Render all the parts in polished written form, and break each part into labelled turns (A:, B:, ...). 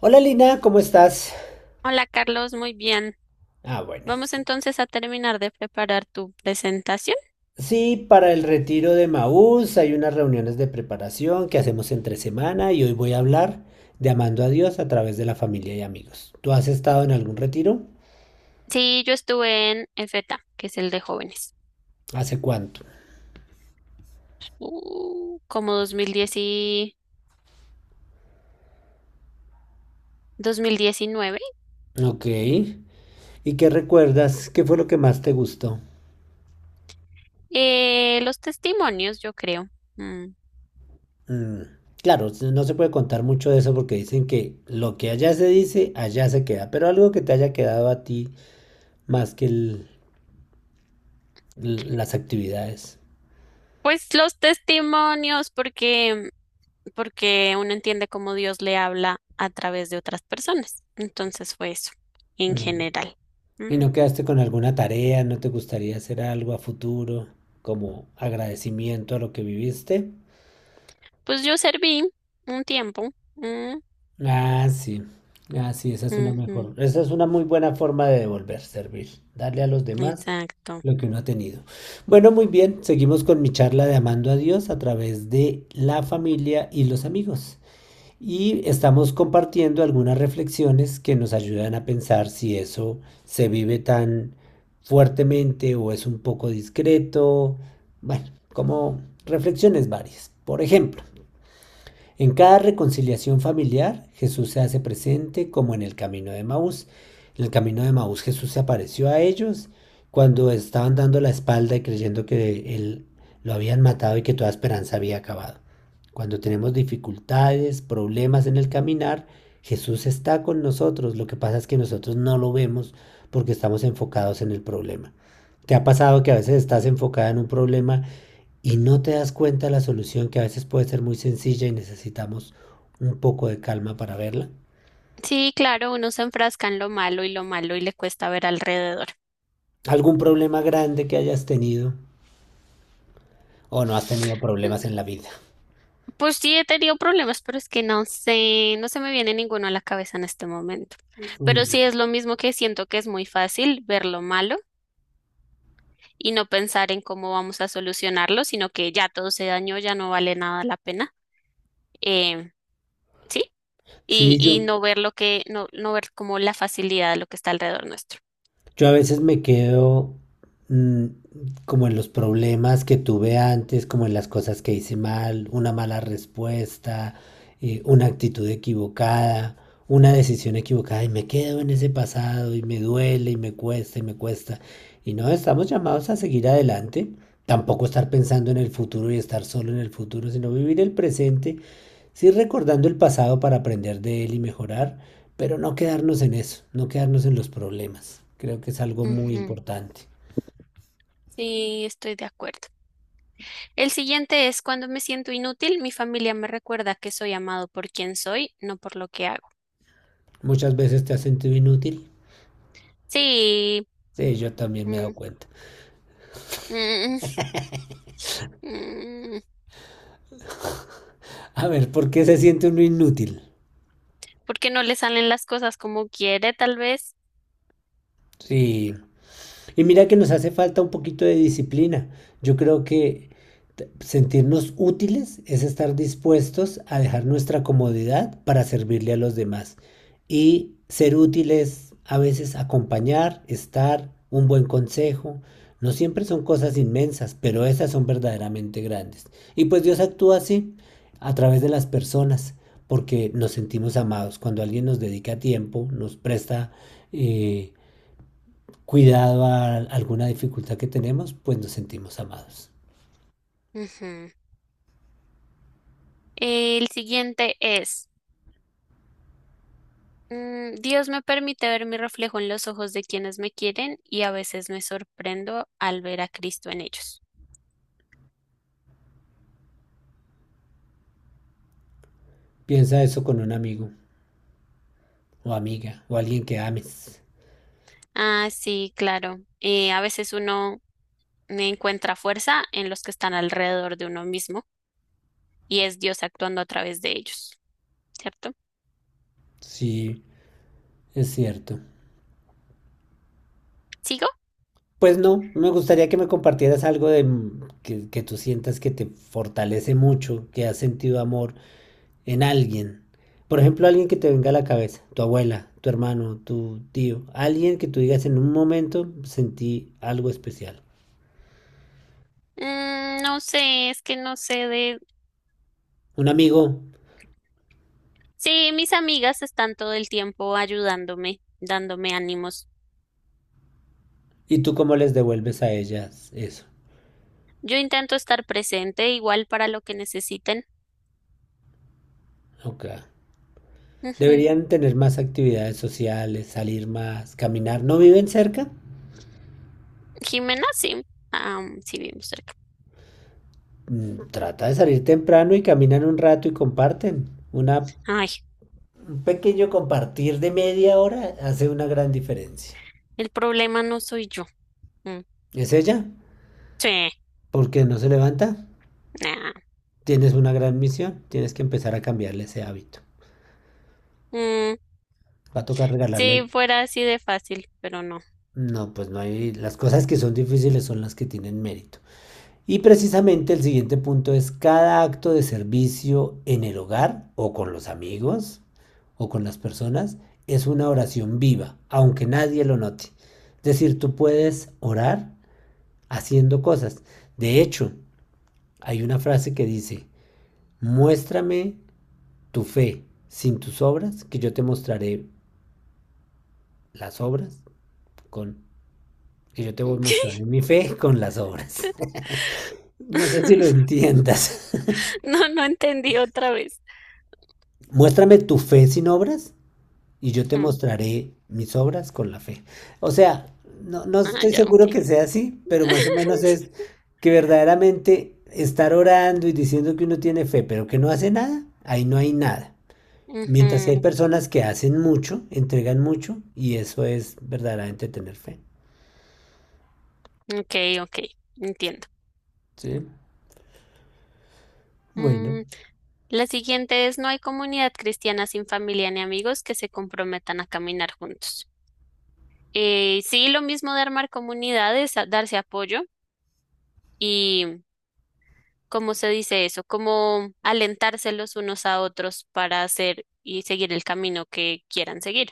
A: Hola Lina, ¿cómo estás?
B: Hola Carlos, muy bien.
A: Ah, bueno.
B: Vamos entonces a terminar de preparar tu presentación.
A: Sí, para el retiro de Maús hay unas reuniones de preparación que hacemos entre semana y hoy voy a hablar de amando a Dios a través de la familia y amigos. ¿Tú has estado en algún retiro?
B: Sí, yo estuve en EFETA, que es el de jóvenes,
A: ¿Hace cuánto?
B: como 2010 y 2019.
A: Ok. ¿Y qué recuerdas? ¿Qué fue lo que más te gustó?
B: Los testimonios, yo creo. Mm.
A: Mm. Claro, no se puede contar mucho de eso porque dicen que lo que allá se dice, allá se queda, pero algo que te haya quedado a ti más que las actividades.
B: Pues los testimonios, porque uno entiende cómo Dios le habla a través de otras personas. Entonces fue eso, en
A: Mm.
B: general. Mm.
A: ¿Y no quedaste con alguna tarea? ¿No te gustaría hacer algo a futuro como agradecimiento a lo que viviste?
B: Pues yo serví un tiempo. Mm.
A: Ah, sí. Ah, sí, esa es una
B: Ujú.
A: mejor, esa es una muy buena forma de devolver, servir, darle a los demás
B: Exacto.
A: lo que uno ha tenido. Bueno, muy bien, seguimos con mi charla de amando a Dios a través de la familia y los amigos, y estamos compartiendo algunas reflexiones que nos ayudan a pensar si eso se vive tan fuertemente o es un poco discreto. Bueno, como reflexiones varias. Por ejemplo, en cada reconciliación familiar, Jesús se hace presente como en el camino de Maús. En el camino de Maús Jesús se apareció a ellos cuando estaban dando la espalda y creyendo que él lo habían matado y que toda esperanza había acabado. Cuando tenemos dificultades, problemas en el caminar, Jesús está con nosotros. Lo que pasa es que nosotros no lo vemos porque estamos enfocados en el problema. ¿Te ha pasado que a veces estás enfocada en un problema y no te das cuenta de la solución que a veces puede ser muy sencilla y necesitamos un poco de calma para verla?
B: Sí, claro, uno se enfrasca en lo malo y le cuesta ver alrededor.
A: ¿Algún problema grande que hayas tenido o no has tenido problemas en la vida?
B: Pues sí, he tenido problemas, pero es que no sé, no se me viene ninguno a la cabeza en este momento. Pero
A: Mm.
B: sí es lo mismo que siento, que es muy fácil ver lo malo y no pensar en cómo vamos a solucionarlo, sino que ya todo se dañó, ya no vale nada la pena. Eh, sí,
A: Sí,
B: y
A: yo,
B: no ver lo que, no ver como la facilidad de lo que está alrededor nuestro.
A: Yo a veces me quedo mm, como en los problemas que tuve antes, como en las cosas que hice mal, una mala respuesta, una actitud equivocada, una decisión equivocada y me quedo en ese pasado y me duele y me cuesta. Y no, estamos llamados a seguir adelante, tampoco estar pensando en el futuro y estar solo en el futuro, sino vivir el presente, sí recordando el pasado para aprender de él y mejorar, pero no quedarnos en eso, no quedarnos en los problemas. Creo que es algo muy
B: Ujú.
A: importante.
B: Sí, estoy de acuerdo. El siguiente es: cuando me siento inútil, mi familia me recuerda que soy amado por quien soy, no por lo que hago.
A: Muchas veces te has sentido inútil.
B: Sí.
A: Sí, yo también me he
B: mm,
A: dado cuenta.
B: mm, mm,
A: A ver, ¿por qué se siente uno inútil?
B: porque no le salen las cosas como quiere, tal vez.
A: Sí. Y mira que nos hace falta un poquito de disciplina. Yo creo que sentirnos útiles es estar dispuestos a dejar nuestra comodidad para servirle a los demás. Y ser útiles a veces acompañar, estar, un buen consejo. No siempre son cosas inmensas, pero esas son verdaderamente grandes. Y pues Dios actúa así a través de las personas, porque nos sentimos amados. Cuando alguien nos dedica tiempo, nos presta eh, cuidado a alguna dificultad que tenemos, pues nos sentimos amados.
B: Ujú. El siguiente es, Dios me permite ver mi reflejo en los ojos de quienes me quieren y a veces me sorprendo al ver a Cristo en ellos.
A: Piensa eso con un amigo o amiga o alguien que ames.
B: Ah, sí, claro. A veces uno encuentra fuerza en los que están alrededor de uno mismo, y es Dios actuando a través de ellos, ¿cierto?
A: Sí, es cierto.
B: ¿Sigo?
A: Pues no, me gustaría que me compartieras algo de que tú sientas que te fortalece mucho, que has sentido amor en alguien. Por ejemplo, alguien que te venga a la cabeza, tu abuela, tu hermano, tu tío, alguien que tú digas en un momento sentí algo especial.
B: Mm, no sé, es que no sé de...
A: Un amigo,
B: Sí, mis amigas están todo el tiempo ayudándome, dándome ánimos.
A: y tú cómo les devuelves a ellas eso.
B: Yo intento estar presente igual para lo que necesiten.
A: Okay.
B: Ujú.
A: Deberían tener más actividades sociales, salir más, caminar. ¿No viven cerca?
B: Jimena, sí. Ah, mm, sí, vivimos cerca.
A: Mm, trata de salir temprano y caminan un rato y comparten. Una,
B: Ay,
A: un pequeño compartir de media hora hace una gran diferencia.
B: el problema no soy yo. Mm.
A: ¿Es ella?
B: Sí,
A: ¿Por qué no se levanta?
B: nah.
A: Tienes una gran misión. Tienes que empezar a cambiarle ese hábito.
B: Mm,
A: Va a tocar regalarle...
B: sí, fuera así de fácil, pero no.
A: No, pues no hay... Las cosas que son difíciles son las que tienen mérito. Y precisamente el siguiente punto es cada acto de servicio en el hogar o con los amigos o con las personas es una oración viva, aunque nadie lo note. Es decir, tú puedes orar haciendo cosas. De hecho, hay una frase que dice, muéstrame tu fe sin tus obras, que yo te mostraré las obras con... Que yo te voy a mostrar mi fe con las obras. No sé si lo entiendas.
B: No, no entendí otra vez.
A: Muéstrame tu fe sin obras y yo te
B: Ujú.
A: mostraré mis obras con la fe. O sea, no, no
B: Ah,
A: estoy
B: ya, ok.
A: seguro que sea así, pero más o menos es que verdaderamente estar orando y diciendo que uno tiene fe, pero que no hace nada, ahí no hay nada. Mientras que hay
B: Ujú.
A: personas que hacen mucho, entregan mucho, y eso es verdaderamente tener fe.
B: Ok, ok, entiendo.
A: Sí, bueno,
B: Mm, la siguiente es: no hay comunidad cristiana sin familia ni amigos que se comprometan a caminar juntos. Sí, lo mismo de armar comunidades, a- darse apoyo y, ¿cómo se dice eso? Como alentarse los unos a otros para hacer y seguir el camino que quieran seguir.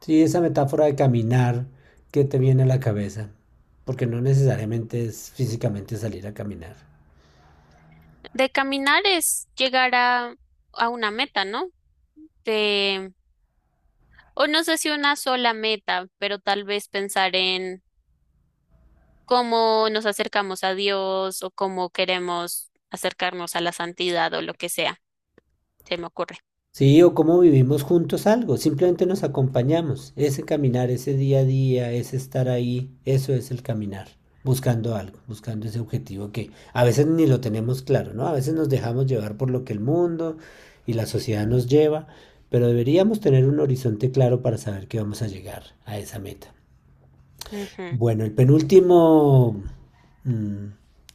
A: sí, esa metáfora de caminar que te viene a la cabeza, porque no necesariamente es físicamente salir a caminar.
B: De caminar es llegar a una meta, ¿no? De, o no sé si una sola meta, pero tal vez pensar en cómo nos acercamos a Dios o cómo queremos acercarnos a la santidad o lo que sea, se me ocurre.
A: Sí, o cómo vivimos juntos algo, simplemente nos acompañamos. Ese caminar, ese día a día, ese estar ahí, eso es el caminar, buscando algo, buscando ese objetivo que a veces ni lo tenemos claro, ¿no? A veces nos dejamos llevar por lo que el mundo y la sociedad nos lleva, pero deberíamos tener un horizonte claro para saber que vamos a llegar a esa meta.
B: Ujú.
A: Bueno, el penúltimo mm,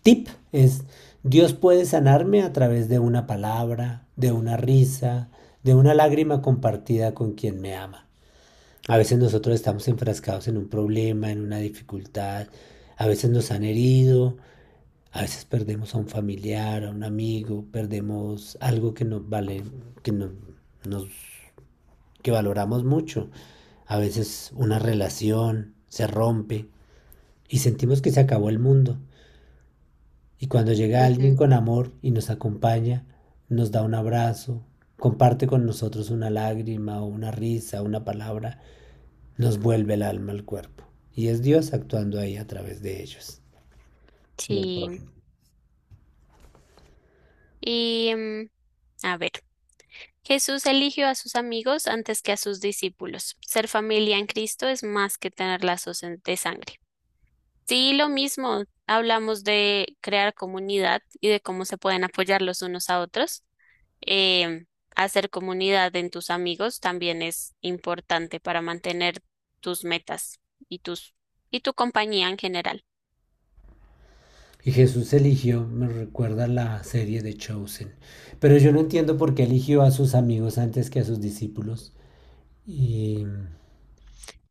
A: tip es, Dios puede sanarme a través de una palabra, de una risa, de una lágrima compartida con quien me ama. A veces nosotros estamos enfrascados en un problema, en una dificultad, a veces nos han herido, a veces perdemos a un familiar, a un amigo, perdemos algo que nos vale, que no- nos que valoramos mucho. A veces una relación se rompe y sentimos que se acabó el mundo. Y cuando llega alguien
B: Ujú.
A: con amor y nos acompaña, nos da un abrazo, comparte con nosotros una lágrima o una risa, una palabra, nos vuelve el alma al cuerpo. Y es Dios actuando ahí a través de ellos, del
B: Sí.
A: prójimo.
B: Y a ver, Jesús eligió a sus amigos antes que a sus discípulos. Ser familia en Cristo es más que tener lazos de sangre. Sí, lo mismo. Hablamos de crear comunidad y de cómo se pueden apoyar los unos a otros. eh, hacer comunidad en tus amigos también es importante para mantener tus metas y tus y tu compañía en general.
A: Y Jesús eligió, me recuerda la serie de Chosen. Pero yo no entiendo por qué eligió a sus amigos antes que a sus discípulos. Y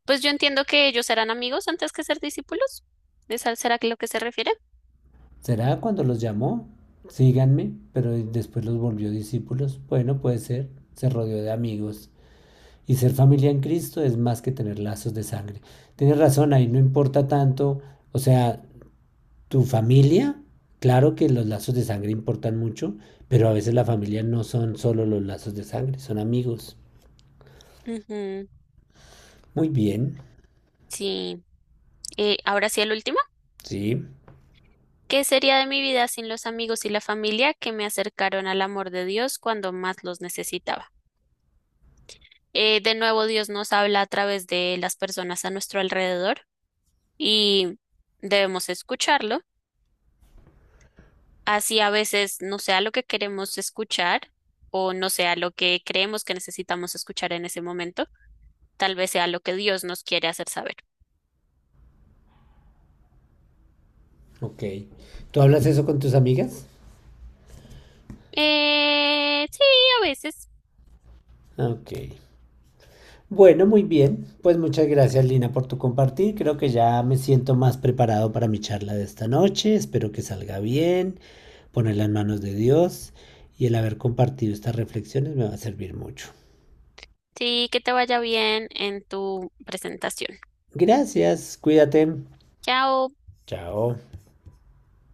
B: Pues yo entiendo que ellos serán amigos antes que ser discípulos. ¿Es al- será que lo que se refiere?
A: ¿será cuando los llamó? Síganme, pero después los volvió discípulos. Bueno, puede ser. Se rodeó de amigos. Y ser familia en Cristo es más que tener lazos de sangre. Tienes razón, ahí no importa tanto. O sea, tu familia, claro que los lazos de sangre importan mucho, pero a veces la familia no son solo los lazos de sangre, son amigos.
B: Ujú.
A: Muy bien,
B: Sí. Ahora sí el último.
A: sí,
B: ¿Qué sería de mi vida sin los amigos y la familia que me acercaron al amor de Dios cuando más los necesitaba? De nuevo, Dios nos habla a través de las personas a nuestro alrededor y debemos escucharlo. Así a veces no sea lo que queremos escuchar o no sea lo que creemos que necesitamos escuchar en ese momento, tal vez sea lo que Dios nos quiere hacer saber.
A: ok. ¿Tú hablas eso con tus amigas?
B: Sí, a veces.
A: Ok. Bueno, muy bien. Pues muchas gracias, Lina, por tu compartir. Creo que ya me siento más preparado para mi charla de esta noche. Espero que salga bien, ponerla en manos de Dios, y el haber compartido estas reflexiones me va a servir mucho.
B: Sí, que te vaya bien en tu presentación.
A: Gracias, cuídate.
B: Chao.
A: Chao.